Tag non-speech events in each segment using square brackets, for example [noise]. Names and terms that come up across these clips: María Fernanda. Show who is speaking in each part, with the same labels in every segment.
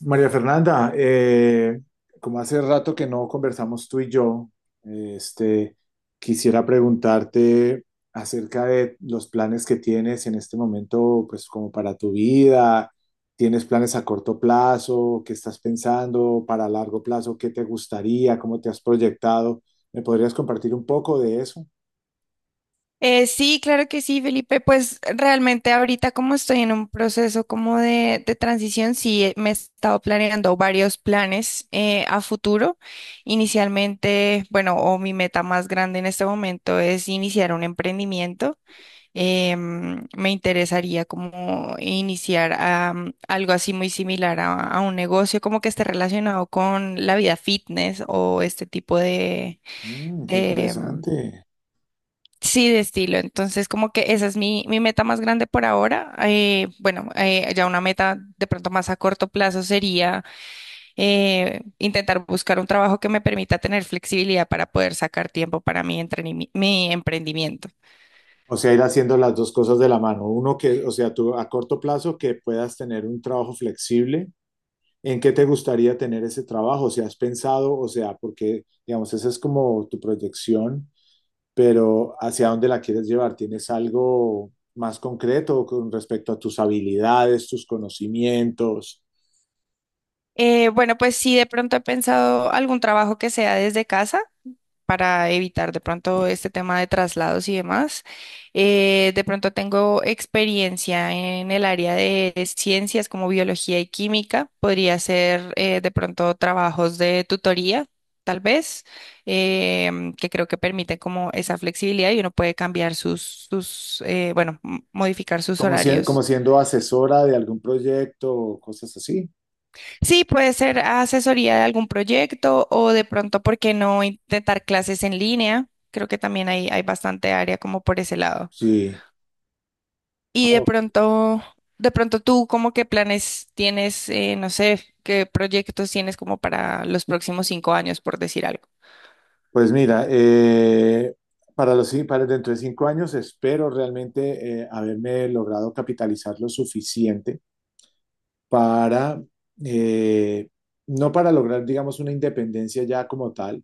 Speaker 1: María Fernanda, como hace rato que no conversamos tú y yo, eh, este, quisiera preguntarte acerca de los planes que tienes en este momento, pues como para tu vida. ¿Tienes planes a corto plazo? ¿Qué estás pensando para largo plazo? ¿Qué te gustaría? ¿Cómo te has proyectado? ¿Me podrías compartir un poco de eso?
Speaker 2: Sí, claro que sí, Felipe. Pues realmente ahorita como estoy en un proceso como de transición, sí me he estado planeando varios planes a futuro. Inicialmente, bueno, o mi meta más grande en este momento es iniciar un emprendimiento. Me interesaría como iniciar algo así muy similar a un negocio, como que esté relacionado con la vida fitness o este tipo de,
Speaker 1: Mm, qué interesante.
Speaker 2: sí, de estilo. Entonces, como que esa es mi meta más grande por ahora. Bueno, ya una meta de pronto más a corto plazo sería intentar buscar un trabajo que me permita tener flexibilidad para poder sacar tiempo para mi mi emprendimiento.
Speaker 1: O sea, ir haciendo las dos cosas de la mano. Uno que, o sea, tú a corto plazo que puedas tener un trabajo flexible. ¿En qué te gustaría tener ese trabajo? O sea, ¿has pensado, o sea, porque, digamos, esa es como tu proyección, pero hacia dónde la quieres llevar? ¿Tienes algo más concreto con respecto a tus habilidades, tus conocimientos?
Speaker 2: Bueno, pues sí, de pronto he pensado algún trabajo que sea desde casa, para evitar de pronto este tema de traslados y demás. De pronto tengo experiencia en el área de ciencias como biología y química. Podría ser de pronto trabajos de tutoría, tal vez, que creo que permite como esa flexibilidad y uno puede cambiar sus modificar sus
Speaker 1: Como, como
Speaker 2: horarios.
Speaker 1: siendo asesora de algún proyecto o cosas así.
Speaker 2: Sí, puede ser asesoría de algún proyecto o de pronto, ¿por qué no intentar clases en línea? Creo que también hay bastante área como por ese lado.
Speaker 1: Sí. Ah,
Speaker 2: Y de
Speaker 1: ok.
Speaker 2: pronto, tú, ¿cómo qué planes tienes, no sé, qué proyectos tienes como para los próximos 5 años, por decir algo?
Speaker 1: Pues mira, para para dentro de 5 años espero realmente haberme logrado capitalizar lo suficiente para, eh, no para lograr, digamos, una independencia ya como tal,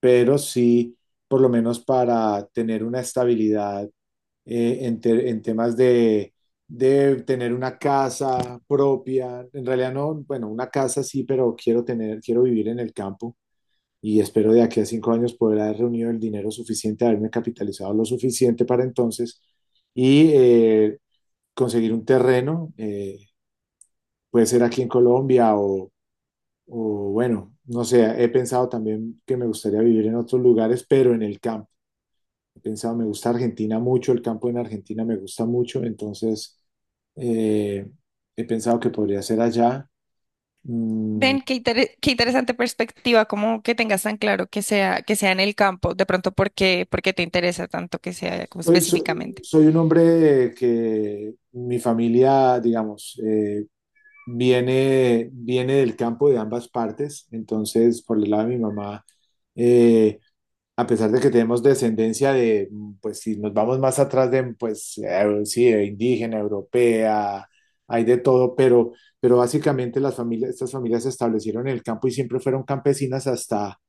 Speaker 1: pero sí por lo menos para tener una estabilidad en temas de tener una casa propia. En realidad no, bueno, una casa sí, pero quiero tener, quiero vivir en el campo. Y espero de aquí a 5 años poder haber reunido el dinero suficiente, haberme capitalizado lo suficiente para entonces y conseguir un terreno, puede ser aquí en Colombia o bueno, no sé, he pensado también que me gustaría vivir en otros lugares, pero en el campo. He pensado, me gusta Argentina mucho, el campo en Argentina me gusta mucho, entonces eh, he pensado que podría ser allá. Mm,
Speaker 2: Ven, qué interesante perspectiva, como que tengas tan claro que sea en el campo, de pronto, ¿por qué te interesa tanto que sea como
Speaker 1: soy, soy-
Speaker 2: específicamente?
Speaker 1: soy un hombre que mi familia, digamos, viene del campo de ambas partes, entonces por el lado de mi mamá. eh, A pesar de que tenemos descendencia de, mm, pues si nos vamos más atrás de, pues sí, de indígena, europea, hay de todo, pero básicamente las familias, estas familias se establecieron en el campo y siempre fueron campesinas hasta,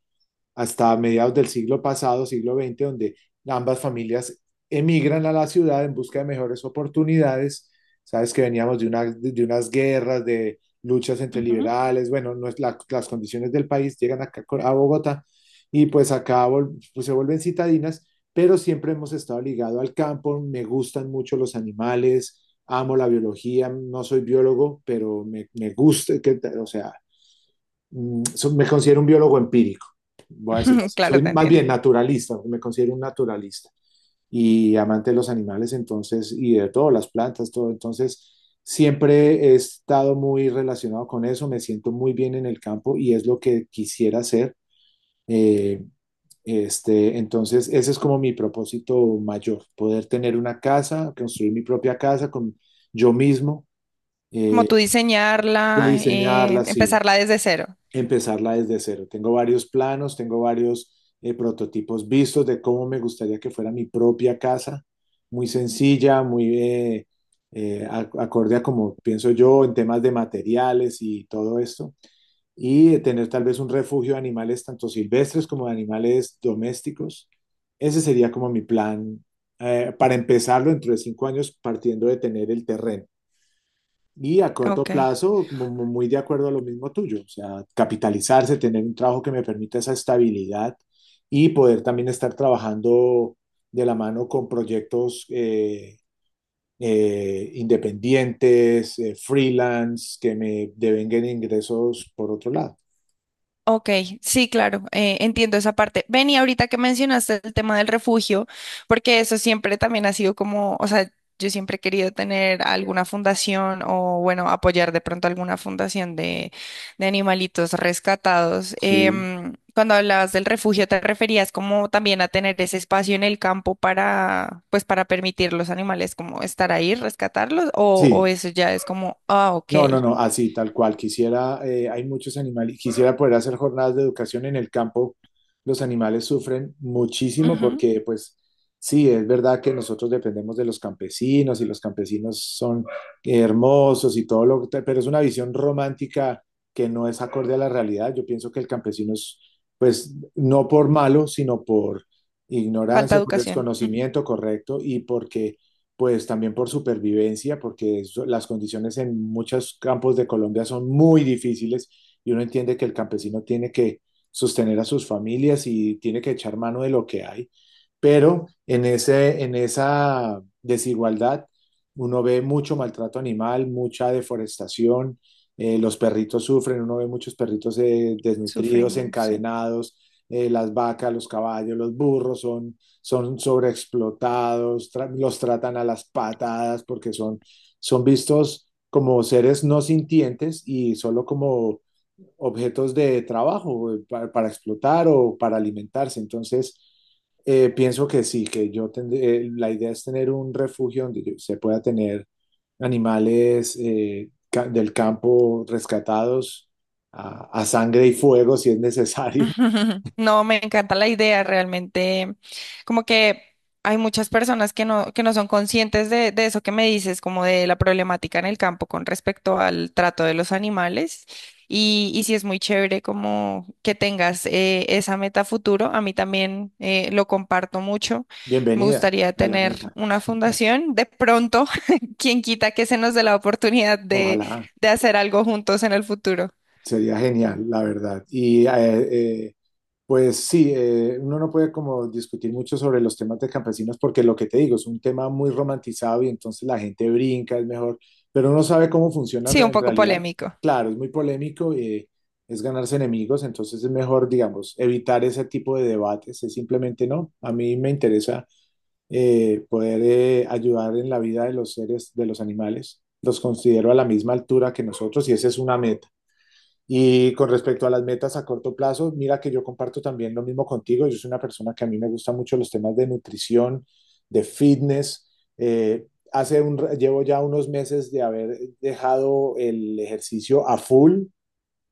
Speaker 1: hasta mediados del siglo pasado, siglo XX, donde ambas familias emigran a la ciudad en busca de mejores oportunidades. Sabes que veníamos de, una, de unas guerras, de luchas entre
Speaker 2: Ujú.
Speaker 1: liberales, bueno, no es la, las condiciones del país llegan a Bogotá y pues pues se vuelven citadinas, pero siempre hemos estado ligado al campo, me gustan mucho los animales, amo la biología, no soy biólogo, pero me gusta, que, o sea, me considero un biólogo empírico, voy a decirlo
Speaker 2: [laughs]
Speaker 1: así,
Speaker 2: Claro,
Speaker 1: soy
Speaker 2: te
Speaker 1: más
Speaker 2: entiendo.
Speaker 1: bien naturalista, me considero un naturalista y amante de los animales, entonces, y de todo, las plantas, todo, entonces, siempre he estado muy relacionado con eso, me siento muy bien en el campo y es lo que quisiera hacer. eh, entonces, ese es como mi propósito mayor, poder tener una casa, construir mi propia casa con yo mismo,
Speaker 2: Como
Speaker 1: eh,
Speaker 2: tú
Speaker 1: yo
Speaker 2: diseñarla,
Speaker 1: diseñarla, sí,
Speaker 2: empezarla desde cero.
Speaker 1: empezarla desde cero. Tengo varios planos, tengo varios prototipos vistos de cómo me gustaría que fuera mi propia casa, muy sencilla, muy eh, acorde a como pienso yo en temas de materiales y todo esto, y tener tal vez un refugio de animales tanto silvestres como de animales domésticos. Ese sería como mi plan para empezarlo dentro de 5 años partiendo de tener el terreno. Y a corto
Speaker 2: Ok.
Speaker 1: plazo, muy de acuerdo a lo mismo tuyo, o sea, capitalizarse, tener un trabajo que me permita esa estabilidad y poder también estar trabajando de la mano con proyectos independientes, freelance, que me devenguen ingresos por otro lado.
Speaker 2: Ok, sí, claro, entiendo esa parte. Ven, y ahorita que mencionaste el tema del refugio, porque eso siempre también ha sido como, o sea, yo siempre he querido tener alguna fundación o, bueno, apoyar de pronto alguna fundación de animalitos rescatados.
Speaker 1: Sí,
Speaker 2: Cuando hablabas del refugio, ¿te referías como también a tener ese espacio en el campo para, pues, para permitir los animales como estar ahí, rescatarlos? O
Speaker 1: sí,
Speaker 2: eso ya es como, ah, ok,
Speaker 1: no, no, no, así, tal cual. Quisiera, hay muchos animales, quisiera poder hacer jornadas de educación en el campo. Los animales sufren muchísimo
Speaker 2: ujú,
Speaker 1: porque, pues, sí, es verdad que nosotros dependemos de los campesinos y los campesinos son hermosos y todo lo que, pero es una visión romántica que no es acorde a la realidad. Yo pienso que el campesino es, pues, no por malo, sino por
Speaker 2: falta
Speaker 1: ignorancia,
Speaker 2: de
Speaker 1: por
Speaker 2: educación, mm,
Speaker 1: desconocimiento, correcto, y porque pues también por supervivencia, las condiciones en muchos campos de Colombia son muy difíciles y uno entiende que el campesino tiene que sostener a sus familias y tiene que echar mano de lo que hay. Pero en ese, en esa desigualdad uno ve mucho maltrato animal, mucha deforestación, los perritos sufren, uno ve muchos perritos desnutridos,
Speaker 2: sufriendo. Sí.
Speaker 1: encadenados, las vacas, los caballos, los burros son sobreexplotados, tra los tratan a las patadas porque son, son vistos como seres no sintientes y solo como objetos de trabajo para explotar o para alimentarse. Entonces, pienso que sí, que yo tendré, la idea es tener un refugio donde se pueda tener animales ca del campo rescatados a sangre y fuego si es necesario.
Speaker 2: [laughs] No, me encanta la idea, realmente. Como que hay muchas personas que que no son conscientes de eso que me dices, como de la problemática en el campo con respecto al trato de los animales. Y sí es muy chévere como que tengas esa meta futuro. A mí también lo comparto mucho.
Speaker 1: [laughs]
Speaker 2: Me
Speaker 1: Bienvenida
Speaker 2: gustaría
Speaker 1: a la
Speaker 2: tener
Speaker 1: meta,
Speaker 2: una fundación. De pronto, [laughs] quien quita que se nos dé la oportunidad
Speaker 1: ojalá.
Speaker 2: de hacer algo juntos en el futuro.
Speaker 1: Sería genial, la verdad. Pues sí, uno no puede como discutir mucho sobre los temas de campesinos porque lo que te digo es un tema muy romantizado y entonces la gente brinca, es mejor, pero uno sabe cómo
Speaker 2: Sí, un
Speaker 1: en
Speaker 2: poco
Speaker 1: realidad.
Speaker 2: polémico.
Speaker 1: Claro, es muy polémico y es ganarse enemigos, entonces es mejor, digamos, evitar ese tipo de debates, es simplemente no. A mí me interesa poder ayudar en la vida de los seres, de los animales. Los considero a la misma altura que nosotros y esa es una meta. Y con respecto a las metas a corto plazo, mira que yo comparto también lo mismo contigo. Yo soy una persona que a mí me gustan mucho los temas de nutrición, de fitness. Eh, llevo ya unos meses de haber dejado el ejercicio a full,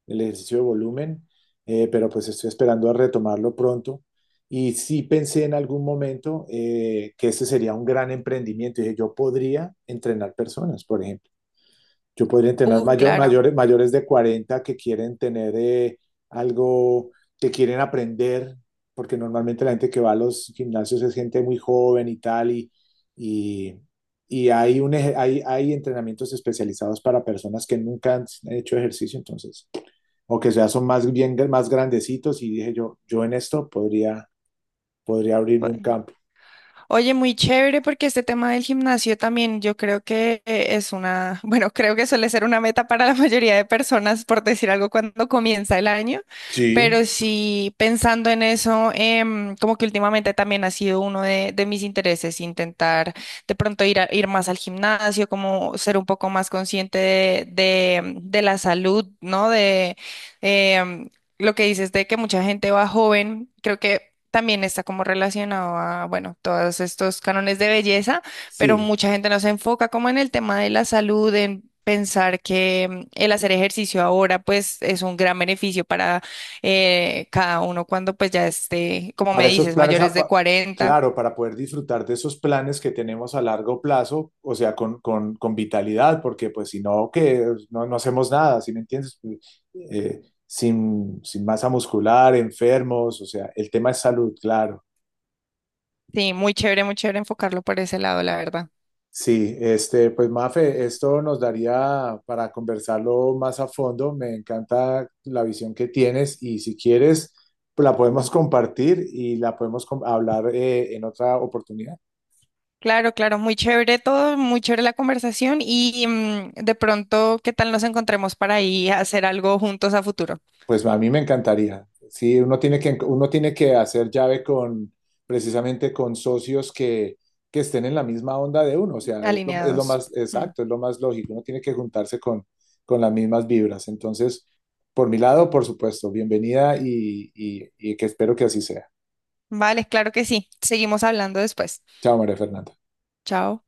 Speaker 1: el ejercicio de volumen, pero pues estoy esperando a retomarlo pronto. Y sí pensé en algún momento que este sería un gran emprendimiento. Dije, yo podría entrenar personas, por ejemplo. Yo podría entrenar mayor,
Speaker 2: Claro.
Speaker 1: mayores, mayores de 40 que quieren tener algo, que quieren aprender, porque normalmente la gente que va a los gimnasios es gente muy joven y tal, y, y hay, hay entrenamientos especializados para personas que nunca han hecho ejercicio, entonces, o que ya son más bien más grandecitos, y dije yo, yo en esto podría, podría abrirme un
Speaker 2: Bueno.
Speaker 1: campo.
Speaker 2: Oye, muy chévere porque este tema del gimnasio también yo creo que es una, [laughs] bueno, creo que suele ser una meta para la mayoría de personas, por decir algo, cuando comienza el año,
Speaker 1: Sí,
Speaker 2: pero sí pensando en eso, como que últimamente también ha sido uno de mis intereses intentar de pronto ir más al gimnasio, como ser un poco más consciente de la salud, ¿no? De, em, lo que dices de que mucha gente va joven, creo que también está como relacionado a, bueno, todos estos cánones de belleza, pero
Speaker 1: sí.
Speaker 2: mucha gente no se enfoca como en el tema de la salud, en pensar que mm, el hacer ejercicio ahora pues es un gran beneficio para cada uno cuando pues ya esté, como me
Speaker 1: Para esos
Speaker 2: dices,
Speaker 1: planes,
Speaker 2: mayores de 40.
Speaker 1: claro, para poder disfrutar de esos planes que tenemos a largo plazo, o sea, con vitalidad, porque pues si no, que no, no hacemos nada, ¿sí me entiendes? Sin masa muscular, enfermos, o sea, el tema es salud, claro.
Speaker 2: Sí, muy chévere enfocarlo por ese lado, la verdad.
Speaker 1: Sí, este, pues Mafe, esto nos daría para conversarlo más a fondo. Me encanta la visión que tienes y si quieres, la podemos compartir y la hablar en otra oportunidad.
Speaker 2: Claro, claro, muy chévere todo, muy chévere la conversación y mm, de pronto, ¿qué tal nos encontremos para ir a hacer algo juntos a futuro,
Speaker 1: Pues a mí me encantaría. Sí, uno tiene que hacer llave con, precisamente con socios que estén en la misma onda de uno. O sea, es lo
Speaker 2: alineados?
Speaker 1: más
Speaker 2: Mm.
Speaker 1: exacto, es lo más lógico. Uno tiene que juntarse con las mismas vibras. Entonces, por mi lado, por supuesto, bienvenida y que espero que así sea.
Speaker 2: Vale, claro que sí. Seguimos hablando después.
Speaker 1: Chao, María Fernanda.
Speaker 2: Chao.